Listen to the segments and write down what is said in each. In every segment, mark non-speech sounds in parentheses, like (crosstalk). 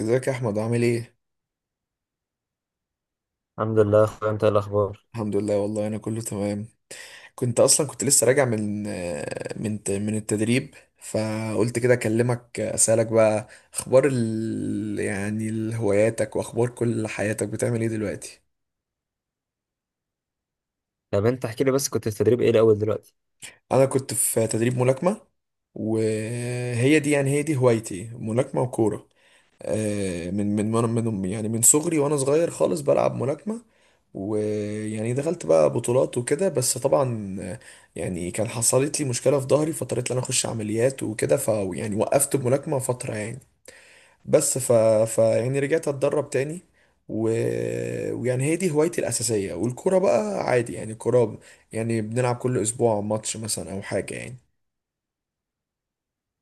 ازيك يا احمد؟ عامل ايه؟ الحمد لله يا اخويا، انت إيه الاخبار؟ الحمد لله والله، انا كله تمام. كنت اصلا كنت لسه راجع من التدريب، فقلت كده اكلمك اسالك بقى اخبار هواياتك واخبار كل حياتك، بتعمل ايه دلوقتي؟ طب انت احكي لي بس، كنت في تدريب ايه الاول دلوقتي؟ انا كنت في تدريب ملاكمة. وهي دي يعني هي دي هوايتي، ملاكمة وكورة. من يعني من صغري وانا صغير خالص بلعب ملاكمة. ويعني دخلت بقى بطولات وكده، بس طبعا يعني كان حصلت لي مشكلة في ظهري، فاضطريت ان انا اخش عمليات وكده. ف يعني وقفت الملاكمة فترة يعني، بس ف, ف يعني رجعت اتدرب تاني. و... ويعني هي دي هوايتي الأساسية، والكورة بقى عادي يعني الكورة. يعني بنلعب كل أسبوع ماتش مثلا أو حاجة يعني.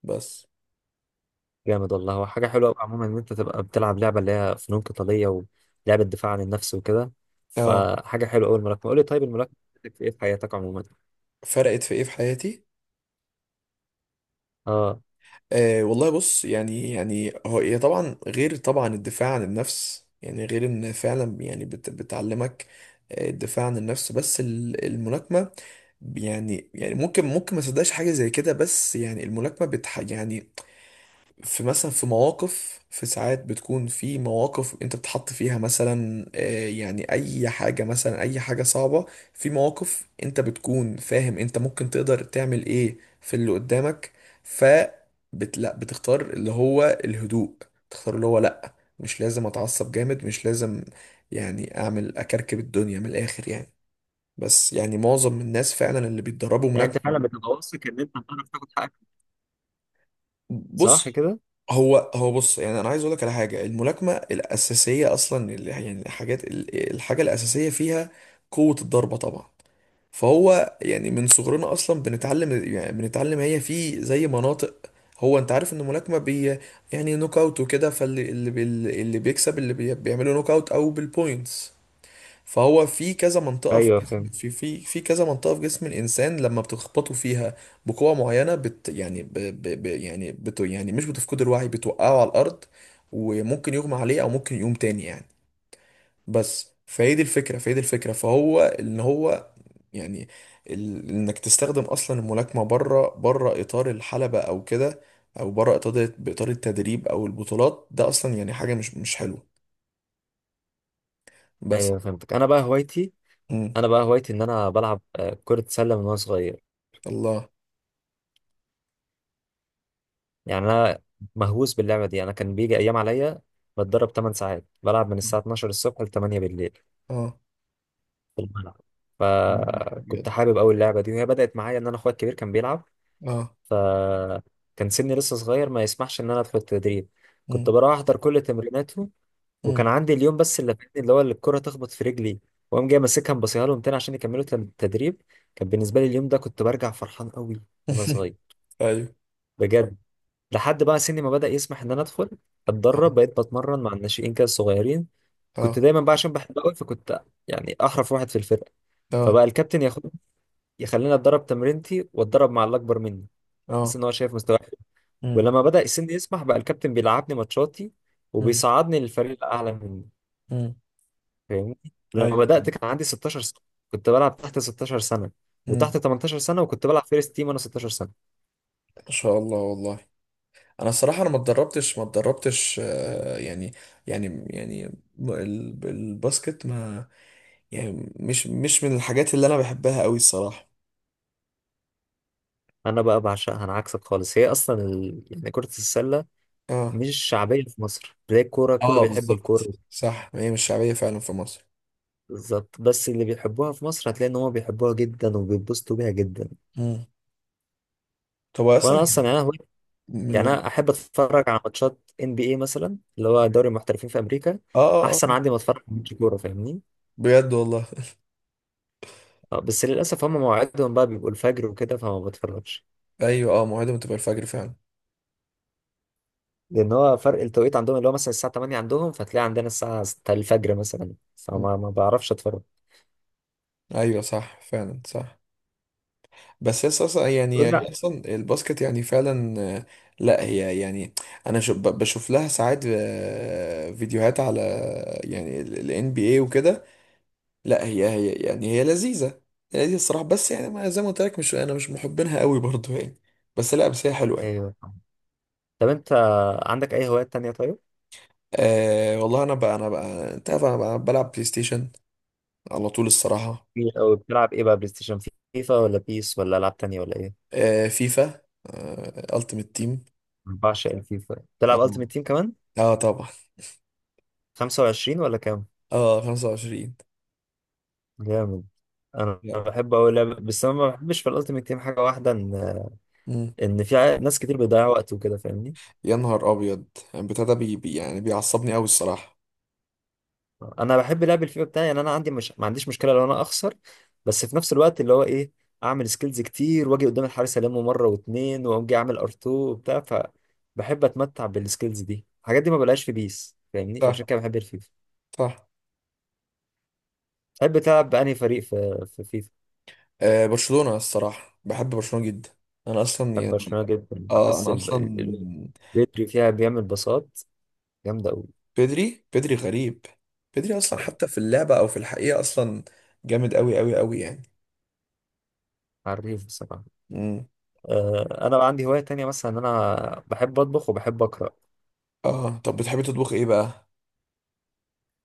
بس جامد والله. هو حاجه حلوه قوي عموما ان انت تبقى بتلعب لعبه اللي هي فنون قتاليه ولعبه دفاع عن النفس وكده، اه، فحاجه حلوه قوي الملاكمه. قول لي طيب الملاكمه بتفيدك في ايه في حياتك عموما؟ فرقت في ايه في حياتي؟ اه. أه والله بص، يعني يعني هو هي طبعا، غير طبعا الدفاع عن النفس، يعني غير ان فعلا يعني بتعلمك الدفاع عن النفس. بس الملاكمة يعني يعني ممكن ما تصدقش حاجة زي كده، بس يعني الملاكمة يعني في مثلا في مواقف في ساعات بتكون في مواقف انت بتحط فيها مثلا، يعني اي حاجة صعبة. في مواقف انت بتكون فاهم انت ممكن تقدر تعمل ايه في اللي قدامك. ف لا، بتختار اللي هو الهدوء. تختار اللي هو لا، مش لازم اتعصب جامد، مش لازم يعني اعمل اكركب الدنيا من الاخر يعني. بس يعني معظم الناس فعلا اللي بيتدربوا يعني انت ملاكمة. فعلا بتبقى واثق ان انت هتعرف تاخد حقك، صح بص، كده؟ هو بص، يعني انا عايز اقول لك على حاجه. الملاكمه الاساسيه اصلا، اللي يعني الحاجه الاساسيه فيها قوه الضربه طبعا. فهو يعني من صغرنا اصلا بنتعلم، يعني بنتعلم هي في زي مناطق. هو انت عارف ان الملاكمه بي يعني نوك اوت وكده، فاللي اللي بي اللي بيكسب اللي بي بيعمله نوك اوت او بالبوينتس. فهو في كذا منطقة في ايوه جسم فهمت. في في في كذا منطقة في جسم الإنسان، لما بتخبطوا فيها بقوة معينة بت يعني ب ب ب يعني بت يعني مش بتفقد الوعي، بتوقعه على الأرض، وممكن يغمى عليه أو ممكن يقوم تاني يعني. بس فهي دي الفكرة، فهو إن هو يعني إنك تستخدم أصلا الملاكمة بره إطار الحلبة أو كده، أو بره إطار بإطار التدريب أو البطولات، ده أصلا يعني حاجة مش حلوة. بس ايوه فهمتك. انا بقى هوايتي مم. انا بقى هوايتي ان انا بلعب كره سله من وانا صغير. الله. يعني انا مهووس باللعبه دي. انا كان بيجي ايام عليا بتدرب 8 ساعات، بلعب من الساعه 12 الصبح ل 8 بالليل اه. في الملعب. فكنت حابب أوي اللعبة دي، وهي بدأت معايا إن أنا أخويا الكبير كان بيلعب، اه. فكان سني لسه صغير ما يسمحش إن أنا أدخل التدريب. كنت مم. بروح أحضر كل تمريناته، وكان مم. عندي اليوم بس اللي فاتني اللي هو اللي الكرة تخبط في رجلي وأقوم جاي ماسكها مبصيها لهم تاني عشان يكملوا التدريب. كان بالنسبة لي اليوم ده كنت برجع فرحان أوي وأنا (laughs) صغير، ايوه. بجد. لحد بقى سني ما بدأ يسمح إن أنا أدخل أتدرب، اه. بقيت بتمرن مع الناشئين كده الصغيرين. اه. كنت دايما بقى عشان بحب أوي، فكنت يعني أحرف واحد في الفرقة، اه. فبقى الكابتن ياخد يخليني اتدرب تمرينتي واتدرب مع اللي اكبر مني، بحيث اه. ان هو شايف مستواي حلو. مم. ولما بدأ السن يسمح بقى الكابتن بيلعبني ماتشاتي مم. وبيصعدني للفريق الاعلى مني، مم. فاهمني؟ لما ايوه. بدأت كان عندي 16 سنة، كنت بلعب تحت 16 سنة مم. وتحت 18 سنة، وكنت بلعب فيرست تيم وانا 16 سنة. ما شاء الله والله. انا الصراحه، انا ما اتدربتش يعني يعني يعني الباسكت ما يعني مش من الحاجات اللي انا بحبها قوي الصراحه. انا بقى بعشقها، انا عكسك خالص. هي اصلا يعني كرة السلة اه. مش شعبية في مصر، تلاقي الكورة كله اه بيحب بالظبط. الكورة. صح، ما هي مش شعبيه فعلا في مصر. بالظبط، بس اللي بيحبوها في مصر هتلاقي ان هم بيحبوها جدا وبيتبسطوا بيها جدا. مم. طب هو اصلا وانا اصلا يعني أنا يعني من، انا احب اتفرج على ماتشات ان بي اي مثلا، اللي هو دوري المحترفين في امريكا، اه، آه، احسن آه. عندي ما اتفرج على ماتش كوره، فاهمني؟ بجد والله. (laughs) بس للاسف هم مواعيدهم بقى بيبقوا الفجر وكده، فما بتفرجش. ايوه، اه، موعدهم تبقى الفجر فعلا. لان هو فرق التوقيت عندهم اللي هو مثلا الساعه 8 عندهم، فتلاقي عندنا الساعه 6 الفجر مثلا، فما ما بعرفش اتفرج. ايوه، صح فعلا، صح. بس هي اصلا يعني قول. هي لا اصلا الباسكت يعني فعلا، لا هي يعني انا بشوف لها ساعات فيديوهات على يعني الان بي اي وكده. لا، هي يعني هي لذيذه. هي لذيذه الصراحه، بس يعني زي ما قلت لك، مش انا مش محبينها قوي برضو يعني. بس لا، بس هي حلوه يعني. ايوه. طب انت عندك اي هوايات تانية طيب؟ أه والله، انا بقى انت عارف، انا بقى بلعب بلاي ستيشن على طول الصراحه. او بتلعب ايه بقى بلاي ستيشن؟ فيفا ولا بيس ولا العاب تانية ولا ايه؟ أه فيفا، أه التيمت تيم. بعشق الفيفا. اه. بتلعب التيمت تيم كمان؟ آه طبعا. 25 ولا كام؟ اه، 25. جامد. انا بحب اوي لعبة، بس انا ما بحبش في الالتيميت تيم حاجه واحده، ان مم. ان ناس كتير بيضيع وقت وكده، فاهمني؟ يا نهار ابيض، البتاع ده يعني بيعصبني قوي الصراحه. انا بحب لعب الفيفا بتاعي، يعني انا عندي مش ما عنديش مشكله لو انا اخسر، بس في نفس الوقت اللي هو ايه، اعمل سكيلز كتير واجي قدام الحارس المه مره واتنين واقوم جاي اعمل ار2 وبتاع، فبحب اتمتع بالسكيلز دي. الحاجات دي ما بلاقيش في بيس، فاهمني؟ فعشان صح. كده بحب الفيفا. صح. بحب تلعب بأنهي فريق في فيفا؟ آه برشلونه الصراحه، بحب برشلونه جدا. انا اصلا بحب يعني، برشلونه جدا. اه بحس انا اصلا، بدري فيها بيعمل باصات جامده قوي. بيدري بيدري غريب. بيدري اصلا حتى في اللعبه او في الحقيقه اصلا، جامد قوي قوي قوي يعني. عريف بصراحه. مم. انا بقى عندي هواية تانية مثلا، ان انا بحب اطبخ وبحب اقرا. اه، طب بتحبي تطبخ ايه بقى؟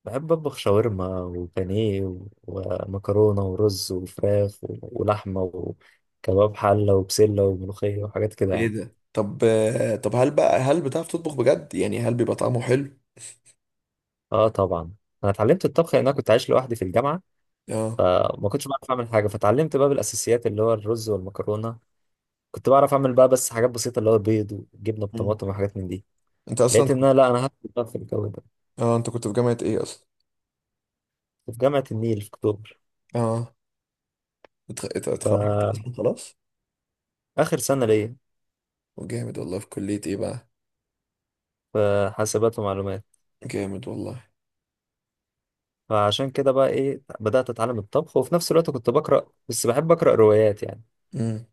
بحب اطبخ شاورما وبانيه ومكرونة ورز وفراخ ولحمة وكباب حلة وبسلة وملوخية وحاجات كده ايه يعني. ده؟ طب آه، طب هل بقى، هل بتعرف تطبخ بجد يعني؟ هل بيبقى طعمه حلو؟ اه طبعا. انا اتعلمت الطبخ لان انا كنت عايش لوحدي في الجامعة، اه. فما كنتش بعرف اعمل حاجة، فتعلمت بقى بالاساسيات اللي هو الرز والمكرونة. كنت بعرف اعمل بقى بس حاجات بسيطة اللي هو بيض وجبنة مم. بطماطم وحاجات من دي. انت اصلا لقيت ان انا لا، انا هدخل بقى في الجو ده. اه، انت كنت في جامعه ايه اصلا؟ في جامعة النيل في اكتوبر، اه اتخرجت اصلا خلاص؟ فاخر سنة ليا، وجامد والله، في كلية ايه بقى؟ في حاسبات ومعلومات. جامد والله. فعشان كده بقى ايه بدأت اتعلم الطبخ، وفي نفس الوقت كنت بقرأ. بس بحب أقرأ روايات يعني. امم.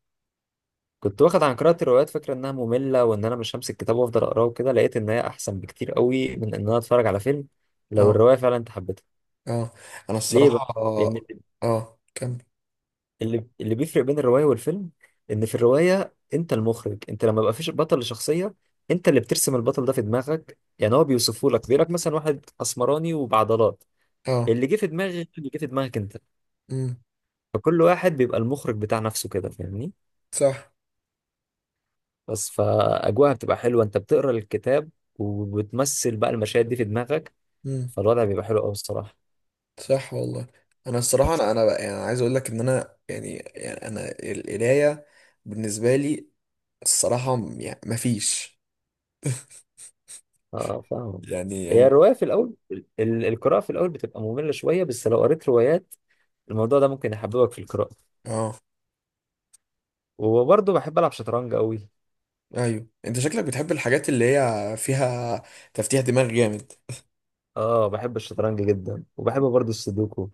كنت واخد عن قراءة الروايات فكرة انها مملة، وان انا مش همسك كتاب وافضل اقراه وكده. لقيت ان هي احسن بكتير قوي من ان انا اتفرج على فيلم، لو اه. الرواية فعلا انت حبيتها. اه. انا ليه بقى؟ الصراحة. لان اه كمل. اللي بيفرق بين الرواية والفيلم ان في الرواية انت المخرج. انت لما بقى فيش بطل لشخصية، انت اللي بترسم البطل ده في دماغك. يعني هو بيوصفه لك، بيقول لك مثلا واحد اسمراني وبعضلات، اه. اللي جه في دماغك انت. امم. فكل واحد بيبقى المخرج بتاع نفسه كده، فاهمني؟ صح. بس فأجواءها بتبقى حلوة، انت بتقرا الكتاب وبتمثل بقى المشاهد دي في دماغك، امم. فالوضع بيبقى حلو قوي الصراحة. صح والله. انا الصراحة، انا انا يعني عايز اقول لك ان انا يعني، يعني انا القراية بالنسبة لي الصراحة يعني مفيش اه فاهم. يعني هي يعني. الرواية في الأول، القراءة في الأول بتبقى مملة شوية، بس لو قريت روايات الموضوع ده ممكن يحببك في القراءة. اه. وبرضه بحب ألعب شطرنج قوي. ايوه، انت شكلك بتحب الحاجات اللي هي فيها تفتيح دماغ جامد. اه بحب الشطرنج جدا، وبحب برضه السودوكو.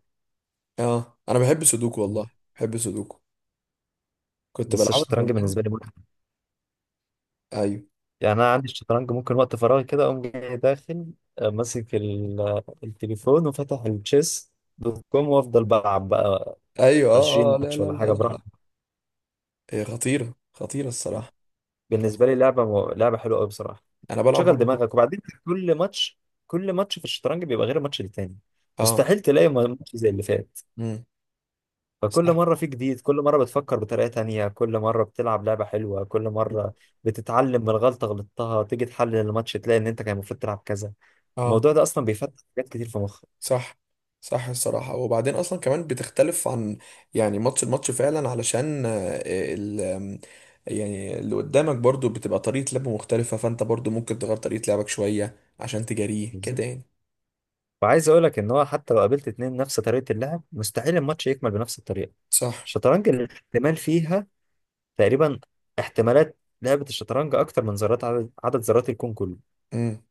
اه، انا بحب سودوكو والله، بحب سودوكو، كنت بس بلعبها الشطرنج زمان. بالنسبة لي، ايوه. يعني انا عندي الشطرنج ممكن وقت فراغي كده اقوم جاي داخل ماسك التليفون وفاتح التشيس دوت كوم وافضل بلعب بقى ايوه 20 اه اه، لا ماتش لا ولا لا حاجه لا لا. براحتي. هي خطيره خطيره الصراحه. بالنسبه لي لعبه لعبه حلوه قوي بصراحه. انا بلعب شغل برضه. دماغك، وبعدين كل ماتش، كل ماتش في الشطرنج بيبقى غير الماتش التاني. اه. مستحيل تلاقي ماتش زي اللي فات، امم. فكل صح. مره في جديد، كل مره بتفكر بطريقه تانية، كل مره بتلعب لعبه حلوه، كل مره بتتعلم من غلطه غلطتها، تيجي تحلل الماتش تلاقي ان انت كان المفروض تلعب كذا. اه. الموضوع ده اصلا بيفتح حاجات كتير في مخك. صح صح الصراحه، وبعدين اصلا كمان بتختلف عن يعني الماتش فعلا، علشان آه، ال آم، يعني اللي قدامك برضه بتبقى طريقه لعبه مختلفه، فانت برضه ممكن تغير طريقه لعبك شويه عشان تجاريه كده يعني. وعايز اقول لك ان هو حتى لو قابلت اتنين نفس طريقه اللعب، مستحيل الماتش يكمل بنفس الطريقه. صح. الشطرنج الاحتمال فيها تقريبا، احتمالات لعبه الشطرنج اكتر من ذرات عدد ذرات الكون كله. امم.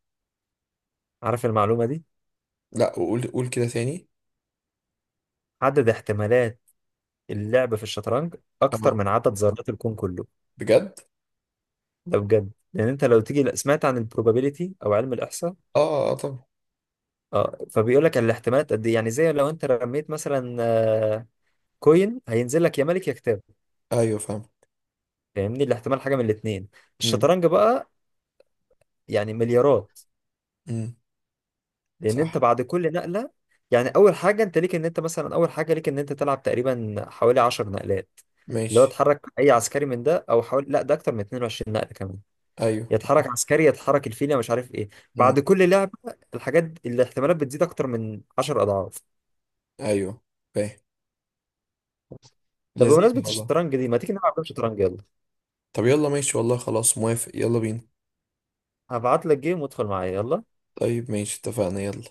عارف المعلومه دي؟ لا قول، قول كده ثاني. عدد احتمالات اللعب في الشطرنج اكتر اه من عدد ذرات الكون كله، بجد. ده بجد. لان انت لو تيجي، لا، سمعت عن البروبابيليتي او علم الاحصاء؟ اه اه طبعا. اه، فبيقول لك الاحتمالات قد ايه. يعني زي لو انت رميت مثلا كوين، هينزل لك يا ملك يا كتاب، ايوه فاهم. فاهمني؟ الاحتمال حاجه من الاثنين. امم. الشطرنج بقى يعني مليارات، امم. لان انت صح. بعد كل نقله، يعني اول حاجه انت ليك ان انت مثلا اول حاجه ليك ان انت تلعب تقريبا حوالي 10 نقلات، اللي هو ماشي. اتحرك اي عسكري من ده، او حوالي لا ده اكتر من 22 نقله كمان، ايوه. يتحرك عسكري يتحرك الفيله مش عارف ايه. مم. بعد كل لعبه الحاجات الاحتمالات بتزيد اكتر من 10 اضعاف. ايوه فاهم. طب لذيذ بمناسبه والله. الشطرنج دي ما تيجي نلعب جيم شطرنج، يلا؟ طب يلا ماشي والله، خلاص موافق، يلا بينا. هبعت لك جيم وادخل معايا يلا. طيب ماشي، اتفقنا، يلا.